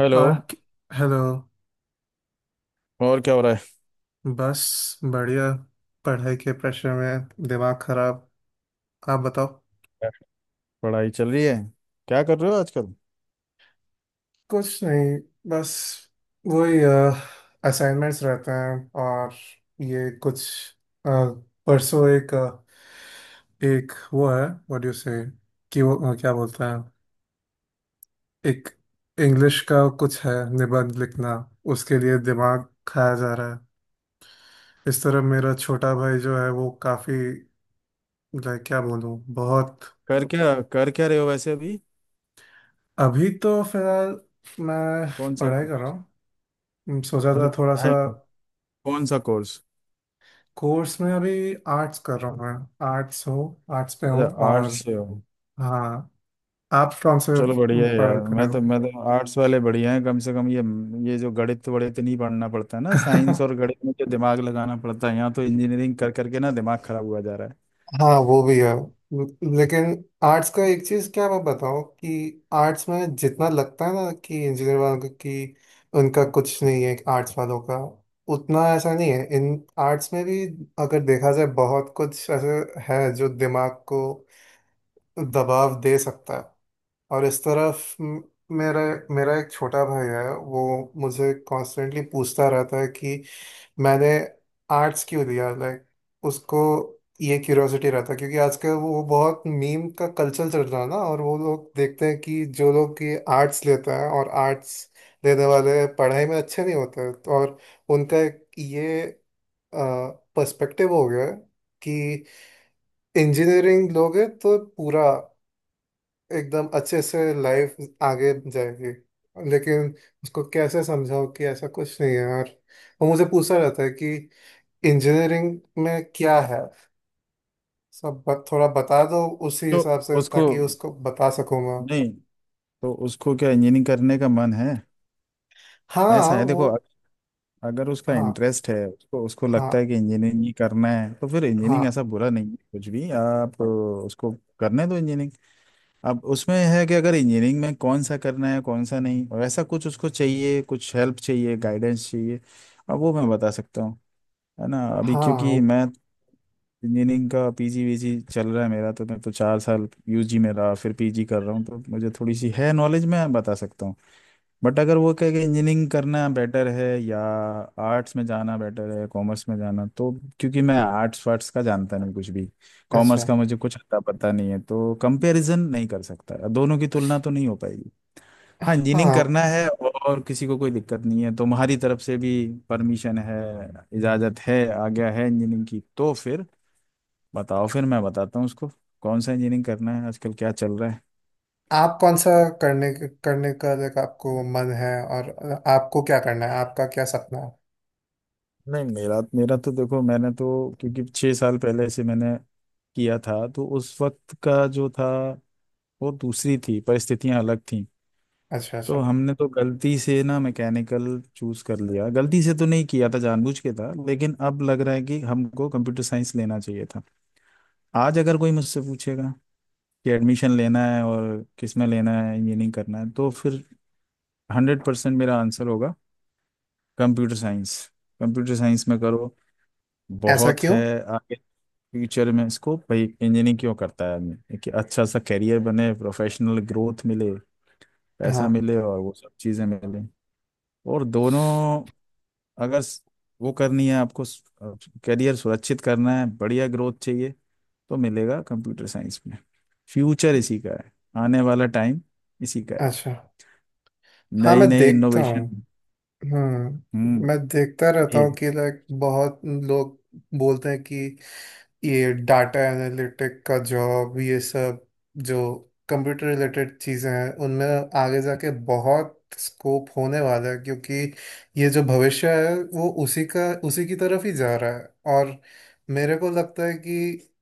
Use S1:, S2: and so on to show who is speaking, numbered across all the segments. S1: Hello.
S2: और hello.
S1: और क्या हो रहा है।
S2: बस बढ़िया। पढ़ाई के प्रेशर में दिमाग खराब। आप बताओ।
S1: पढ़ाई चल रही है। क्या कर रहे हो आजकल।
S2: कुछ नहीं, बस वही असाइनमेंट्स रहते हैं। और ये कुछ अ, परसों एक एक वो है, व्हाट यू से, कि वो क्या बोलते हैं, एक इंग्लिश का कुछ है, निबंध लिखना। उसके लिए दिमाग खाया जा रहा है। इस तरह मेरा छोटा भाई जो है वो काफी, लाइक क्या बोलूं, बहुत।
S1: कर क्या रहे हो वैसे अभी।
S2: अभी तो फिलहाल मैं
S1: कौन सा
S2: पढ़ाई कर रहा
S1: कोर्स।
S2: हूँ। सोचा
S1: अरे
S2: था थोड़ा सा।
S1: पढ़ाई तो। कौन सा कोर्स।
S2: कोर्स में अभी आर्ट्स कर रहा हूँ, मैं आर्ट्स हो, आर्ट्स पे
S1: अच्छा
S2: हूँ।
S1: आर्ट्स
S2: और
S1: से हो।
S2: हाँ, आप कौन से
S1: चलो बढ़िया है
S2: पढ़ाई
S1: यार,
S2: कर रहे
S1: मैं
S2: हो।
S1: तो मैं तो आर्ट्स वाले बढ़िया हैं कम से कम ये। ये जो गणित वणित नहीं पढ़ना पड़ता है ना, साइंस और गणित में जो दिमाग लगाना पड़ता है, यहाँ तो इंजीनियरिंग कर करके ना दिमाग खराब हुआ जा रहा है।
S2: हाँ वो भी है। लेकिन आर्ट्स का एक चीज़ क्या मैं बताऊँ कि आर्ट्स में जितना लगता है ना कि इंजीनियर वालों को कि उनका कुछ नहीं है, आर्ट्स वालों का उतना ऐसा नहीं है। इन आर्ट्स में भी अगर देखा जाए बहुत कुछ ऐसे है जो दिमाग को दबाव दे सकता है। और इस तरफ म- मेरा मेरा एक छोटा भाई है, वो मुझे कॉन्स्टेंटली पूछता रहता है कि मैंने आर्ट्स क्यों लिया। लाइक उसको ये क्यूरियोसिटी रहता है क्योंकि आजकल वो बहुत मीम का कल्चर चल रहा है ना, और वो लोग देखते हैं कि जो लोग ये आर्ट्स लेते हैं और आर्ट्स लेने वाले पढ़ाई में अच्छे नहीं होते। तो और उनका एक ये पर्सपेक्टिव हो गया है कि इंजीनियरिंग लोगे तो पूरा एकदम अच्छे से लाइफ आगे जाएगी। लेकिन उसको कैसे समझाओ कि ऐसा कुछ नहीं है यार। वो मुझे पूछा रहता है कि इंजीनियरिंग में क्या है। थोड़ा बता दो उसी
S1: तो
S2: हिसाब से
S1: उसको,
S2: ताकि उसको बता सकूं मैं।
S1: नहीं, तो उसको क्या इंजीनियरिंग करने का मन है।
S2: हाँ
S1: ऐसा है
S2: वो।
S1: देखो, अगर उसका
S2: हाँ,
S1: इंटरेस्ट है, उसको उसको लगता है
S2: हाँ,
S1: कि इंजीनियरिंग ही करना है तो फिर
S2: हाँ,
S1: इंजीनियरिंग ऐसा बुरा नहीं है कुछ भी। आप उसको करने दो इंजीनियरिंग। अब उसमें है कि अगर इंजीनियरिंग में कौन सा करना है कौन सा नहीं और ऐसा कुछ, उसको चाहिए कुछ हेल्प चाहिए गाइडेंस चाहिए, अब वो मैं बता सकता हूँ। है ना, अभी क्योंकि
S2: हाँ।
S1: मैं इंजीनियरिंग का पीजी वीजी चल रहा है मेरा, तो मैं तो 4 साल यूजी में रहा फिर पीजी कर रहा हूँ, तो मुझे थोड़ी सी है नॉलेज, मैं बता सकता हूँ। बट अगर वो कहे कि इंजीनियरिंग करना बेटर है या आर्ट्स में जाना बेटर है, कॉमर्स में जाना, तो क्योंकि मैं आर्ट्स वार्ट्स का जानता नहीं कुछ भी, कॉमर्स
S2: अच्छा।
S1: का मुझे कुछ अता पता नहीं है, तो कंपैरिजन नहीं कर सकता, दोनों की तुलना तो नहीं हो पाएगी। हाँ, इंजीनियरिंग
S2: हाँ।
S1: करना है और किसी को कोई दिक्कत नहीं है तो तुम्हारी तरफ से भी परमिशन है, इजाज़त है, आज्ञा है इंजीनियरिंग की, तो फिर बताओ, फिर मैं बताता हूँ उसको कौन सा इंजीनियरिंग करना है, आजकल क्या चल रहा है।
S2: आप कौन सा करने करने का लाइक आपको मन है। और आपको क्या करना है, आपका क्या सपना है।
S1: नहीं, मेरा मेरा तो देखो, मैंने तो, क्योंकि 6 साल पहले से मैंने किया था, तो उस वक्त का जो था वो दूसरी थी, परिस्थितियां अलग थी।
S2: अच्छा, अच्छा।
S1: तो हमने तो गलती से ना मैकेनिकल चूज कर लिया, गलती से तो नहीं किया था, जानबूझ के था, लेकिन अब लग रहा है कि हमको कंप्यूटर साइंस लेना चाहिए था। आज अगर कोई मुझसे पूछेगा कि एडमिशन लेना है और किस में लेना है, इंजीनियरिंग करना है, तो फिर 100% मेरा आंसर होगा कंप्यूटर साइंस। कंप्यूटर साइंस में करो,
S2: ऐसा
S1: बहुत है
S2: क्यों।
S1: फ्यूचर में इसको। भाई इंजीनियरिंग क्यों करता है आदमी, कि अच्छा सा करियर बने, प्रोफेशनल ग्रोथ मिले, पैसा
S2: हाँ।
S1: मिले और वो सब चीज़ें मिले। और दोनों, अगर वो करनी है आपको, करियर सुरक्षित करना है, बढ़िया ग्रोथ चाहिए, तो मिलेगा कंप्यूटर साइंस में। फ्यूचर इसी का है, आने वाला टाइम इसी का है।
S2: अच्छा, हाँ
S1: नई
S2: मैं
S1: नई
S2: देखता
S1: इनोवेशन।
S2: हूँ। हम्म,
S1: हम्म
S2: मैं देखता रहता
S1: ए
S2: हूँ कि लाइक बहुत लोग बोलते हैं कि ये डाटा एनालिटिक का जॉब, ये सब जो कंप्यूटर रिलेटेड चीज़ें हैं उनमें आगे जाके बहुत स्कोप होने वाला है, क्योंकि ये जो भविष्य है वो उसी का, उसी की तरफ ही जा रहा है। और मेरे को लगता है कि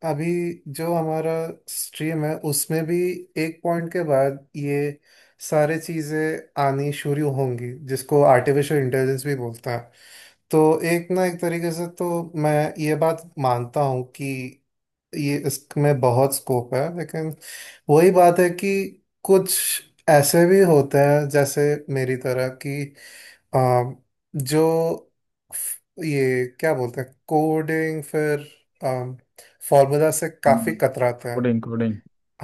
S2: अभी जो हमारा स्ट्रीम है उसमें भी एक पॉइंट के बाद ये सारी चीज़ें आनी शुरू होंगी जिसको आर्टिफिशियल इंटेलिजेंस भी बोलते हैं। तो एक ना एक तरीके से तो मैं ये बात मानता हूँ कि ये इसमें बहुत स्कोप है। लेकिन वही बात है कि कुछ ऐसे भी होते हैं, जैसे मेरी तरह कि आ, जो ये क्या बोलते हैं, कोडिंग फिर फॉर्मूला से काफी कतराते
S1: कोडिंग
S2: हैं।
S1: कोडिंग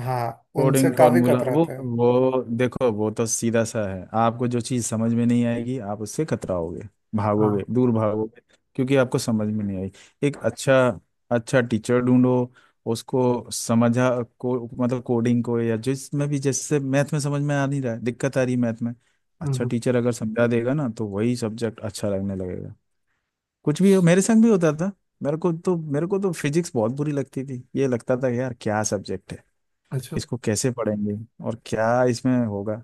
S2: हाँ,
S1: कोडिंग
S2: उनसे
S1: मैंने
S2: काफी
S1: फॉर्मूला वो
S2: कतराते हैं।
S1: वो देखो, वो तो सीधा सा है। आपको जो चीज़ समझ में नहीं आएगी आप उससे कतराओगे, भागोगे,
S2: हाँ।
S1: दूर भागोगे, क्योंकि आपको समझ में नहीं आएगी। एक अच्छा अच्छा टीचर ढूंढो, उसको समझा, को मतलब कोडिंग को, या जिसमें भी, जैसे मैथ में, समझ में आ नहीं रहा है, दिक्कत आ रही है मैथ में, अच्छा
S2: हम्म।
S1: टीचर अगर समझा देगा ना, तो वही सब्जेक्ट अच्छा लगने लगेगा। कुछ भी हो, मेरे संग भी होता था। मेरे को तो फिजिक्स बहुत बुरी लगती थी, ये लगता था यार क्या सब्जेक्ट है,
S2: अच्छा।
S1: इसको कैसे पढ़ेंगे, और क्या इसमें होगा,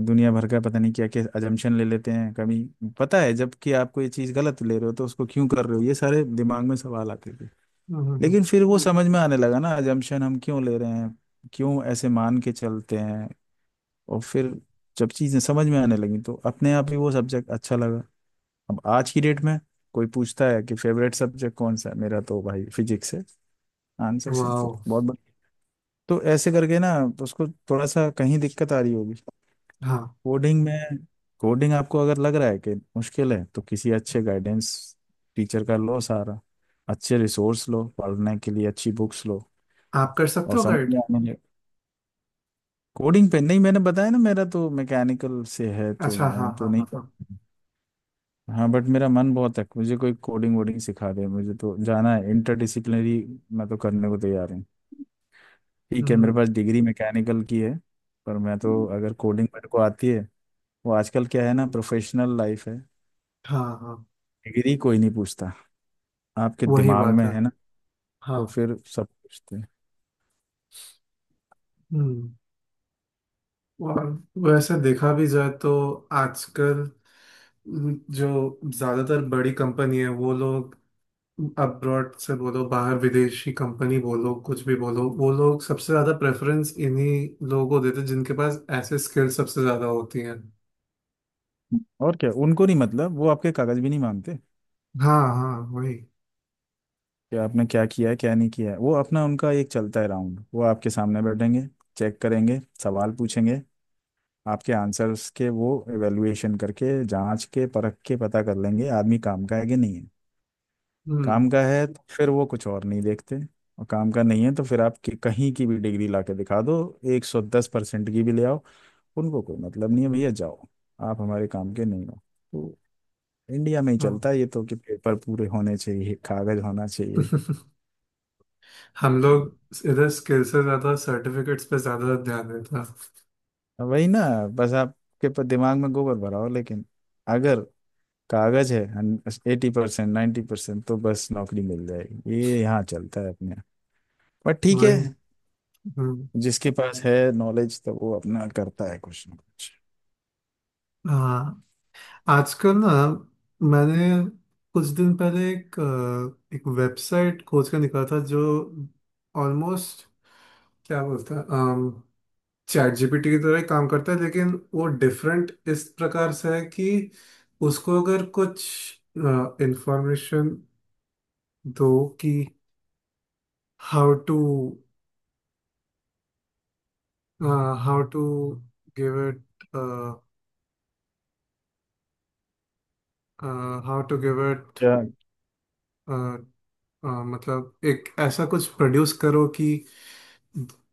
S1: दुनिया भर का पता नहीं क्या क्या अजम्पशन ले लेते हैं, कभी पता है जबकि आपको ये चीज़ गलत ले रहे हो तो उसको क्यों कर रहे हो, ये सारे दिमाग में सवाल आते थे।
S2: हम्म।
S1: लेकिन फिर वो समझ में आने लगा ना, अजम्पशन हम क्यों ले रहे हैं, क्यों ऐसे मान के चलते हैं। और फिर जब चीज़ें समझ में आने लगी तो अपने आप ही वो सब्जेक्ट अच्छा लगा। अब आज की डेट में कोई पूछता है कि फेवरेट सब्जेक्ट कौन सा है मेरा, तो भाई फिजिक्स है। Answer simple,
S2: wow.
S1: बहुत बढ़िया। तो ऐसे करके ना, तो उसको थोड़ा सा कहीं दिक्कत आ रही होगी
S2: हाँ,
S1: कोडिंग में। कोडिंग आपको अगर लग रहा है कि मुश्किल है, तो किसी अच्छे गाइडेंस टीचर का लो सहारा, अच्छे रिसोर्स लो पढ़ने के लिए, अच्छी बुक्स लो,
S2: आप कर सकते
S1: और
S2: हो
S1: समझ
S2: गाइड।
S1: में आने लगे कोडिंग पे। नहीं, मैंने बताया ना, मेरा तो मैकेनिकल से है, तो
S2: अच्छा, हाँ,
S1: मैं तो
S2: हाँ,
S1: नहीं
S2: हाँ, हाँ।
S1: कर, हाँ बट मेरा मन बहुत है, मुझे कोई कोडिंग वोडिंग सिखा दे, मुझे तो जाना है इंटरडिसिप्लिनरी। मैं तो करने को तैयार हूँ। ठीक है मेरे
S2: हम्म।
S1: पास डिग्री मैकेनिकल की है, पर मैं तो, अगर कोडिंग मेरे को आती है, वो आजकल क्या है ना, प्रोफेशनल लाइफ है,
S2: हाँ, हाँ,
S1: डिग्री कोई नहीं पूछता, आपके
S2: वही
S1: दिमाग
S2: बात
S1: में
S2: है।
S1: है ना,
S2: हाँ।
S1: तो फिर सब पूछते हैं।
S2: हम्म। और वैसे देखा भी जाए तो आजकल जो ज्यादातर बड़ी कंपनी है, वो लोग अब्रॉड से बोलो, बाहर विदेशी कंपनी बोलो, कुछ भी बोलो, वो लोग सबसे ज्यादा प्रेफरेंस इन्हीं लोगों को देते हैं जिनके पास ऐसे स्किल्स सबसे ज्यादा होती हैं।
S1: और क्या उनको नहीं, मतलब वो आपके कागज भी नहीं मांगते
S2: हाँ, हाँ, वही।
S1: कि आपने क्या किया है क्या नहीं किया है, वो अपना, उनका एक चलता है राउंड, वो आपके सामने बैठेंगे, चेक करेंगे, सवाल पूछेंगे, आपके आंसर्स के वो एवेल्युएशन करके, जांच के परख के पता कर लेंगे आदमी काम का है कि नहीं है।
S2: हम्म।
S1: काम का है तो फिर वो कुछ और नहीं देखते, और काम का नहीं है तो फिर आप कहीं की भी डिग्री ला के दिखा दो, 110% की भी ले आओ, उनको कोई मतलब नहीं है, भैया जाओ, आप हमारे काम के नहीं हो। तो इंडिया में ही चलता
S2: हाँ।
S1: है ये तो, कि पेपर पूरे होने चाहिए, कागज होना चाहिए।
S2: हम लोग इधर स्किल से ज्यादा सर्टिफिकेट्स पे ज्यादा ध्यान देता।
S1: वही ना, बस आपके दिमाग में गोबर भराओ, लेकिन अगर कागज है 80% 90%, तो बस नौकरी मिल जाएगी, ये यहाँ चलता है अपने यहाँ। पर ठीक है,
S2: वही। हम्म।
S1: जिसके पास है नॉलेज तो वो अपना करता है कुछ ना कुछ।
S2: हाँ, आजकल ना मैंने कुछ दिन पहले एक एक वेबसाइट खोज कर निकाला था जो ऑलमोस्ट क्या बोलते हैं, चैट जीपीटी की तरह ही काम करता है। लेकिन वो डिफरेंट इस प्रकार से है कि उसको अगर कुछ इंफॉर्मेशन दो कि how to how to give it how to give it,
S1: क्या-
S2: मतलब एक ऐसा कुछ प्रोड्यूस करो कि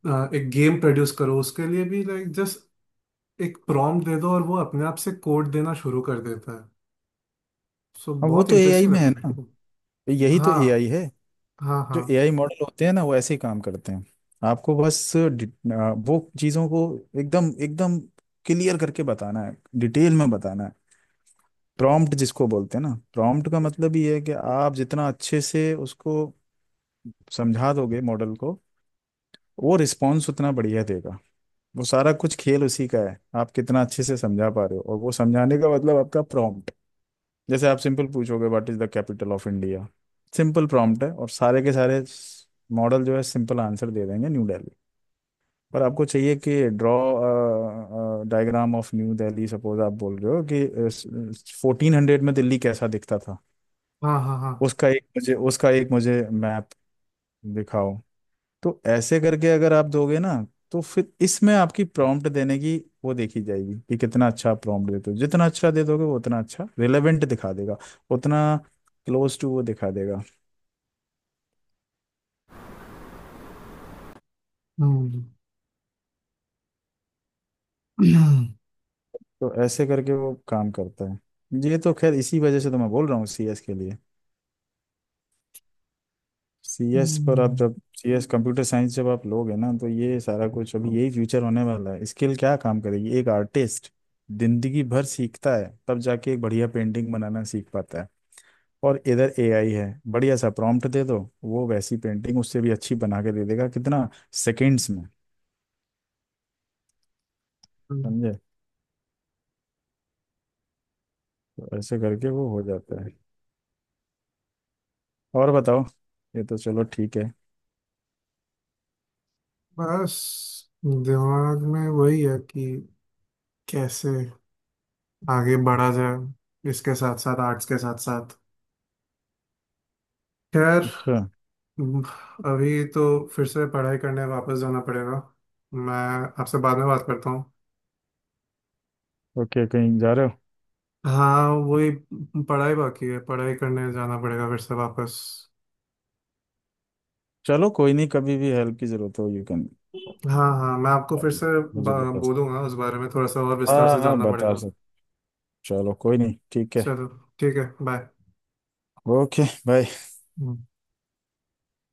S2: एक गेम प्रोड्यूस करो, उसके लिए भी लाइक जस्ट एक प्रॉम्प्ट दे दो और वो अपने आप से कोड देना शुरू कर देता है। सो
S1: हाँ, वो
S2: बहुत
S1: तो एआई
S2: इंटरेस्टिंग
S1: में है
S2: लगा मेरे
S1: ना,
S2: को।
S1: यही तो एआई
S2: हाँ,
S1: है।
S2: हाँ,
S1: जो
S2: हाँ।
S1: एआई मॉडल होते हैं ना, वो ऐसे ही काम करते हैं। आपको बस वो चीज़ों को एकदम एकदम क्लियर करके बताना है, डिटेल में बताना है। प्रॉम्प्ट जिसको बोलते हैं ना, प्रॉम्प्ट का मतलब ये है कि आप जितना अच्छे से उसको समझा दोगे मॉडल को, वो रिस्पॉन्स उतना बढ़िया देगा। वो सारा कुछ खेल उसी का है, आप कितना अच्छे से समझा पा रहे हो, और वो समझाने का मतलब आपका प्रॉम्प्ट। जैसे आप सिंपल पूछोगे, what is the capital of India, simple prompt है, और सारे के सारे मॉडल जो है सिंपल आंसर दे देंगे, न्यू दिल्ली। पर आपको चाहिए कि draw diagram of New Delhi, suppose आप बोल रहे हो कि 1400 में दिल्ली कैसा दिखता था,
S2: हाँ, हाँ, हाँ।
S1: उसका एक मुझे मैप दिखाओ। तो ऐसे करके अगर आप दोगे ना, तो फिर इसमें आपकी प्रॉम्प्ट देने की वो देखी जाएगी कि कितना अच्छा प्रॉम्प्ट देते हो, जितना अच्छा दे दोगे वो उतना अच्छा रिलेवेंट दिखा देगा, उतना क्लोज टू वो दिखा देगा।
S2: हम्म।
S1: तो ऐसे करके वो काम करता है। ये तो खैर इसी वजह से तो मैं बोल रहा हूँ सीएस के लिए, सीएस पर आप
S2: हम्म,
S1: जब सीएस कंप्यूटर साइंस जब आप लोगे ना, तो ये सारा कुछ अभी, यही फ्यूचर होने वाला है। स्किल क्या काम करेगी, एक आर्टिस्ट जिंदगी भर सीखता है तब जाके एक बढ़िया पेंटिंग बनाना सीख पाता है। और इधर एआई है, बढ़िया सा प्रॉम्प्ट दे दो, वो वैसी पेंटिंग, उससे भी अच्छी, बना के दे देगा, कितना सेकेंड्स में, समझे। तो ऐसे करके वो हो जाता है। और बताओ, ये तो चलो ठीक है।
S2: बस दिमाग में वही है कि कैसे आगे बढ़ा जाए इसके साथ साथ, आर्ट्स के साथ साथ। खैर
S1: अच्छा,
S2: अभी तो फिर से पढ़ाई करने वापस जाना पड़ेगा। मैं आपसे बाद में बात करता हूँ।
S1: ओके कहीं जा रहे हो।
S2: हाँ वही, पढ़ाई बाकी है, पढ़ाई करने जाना पड़ेगा फिर से वापस।
S1: चलो कोई नहीं, कभी भी हेल्प की जरूरत हो यू कैन,
S2: हाँ हाँ, मैं आपको फिर से
S1: मुझे बता,
S2: बोलूंगा, उस बारे में थोड़ा सा और विस्तार
S1: हाँ
S2: से
S1: हाँ
S2: जानना
S1: बता
S2: पड़ेगा।
S1: सकते, चलो कोई नहीं, ठीक है।
S2: चलो ठीक है, बाय।
S1: Okay bye.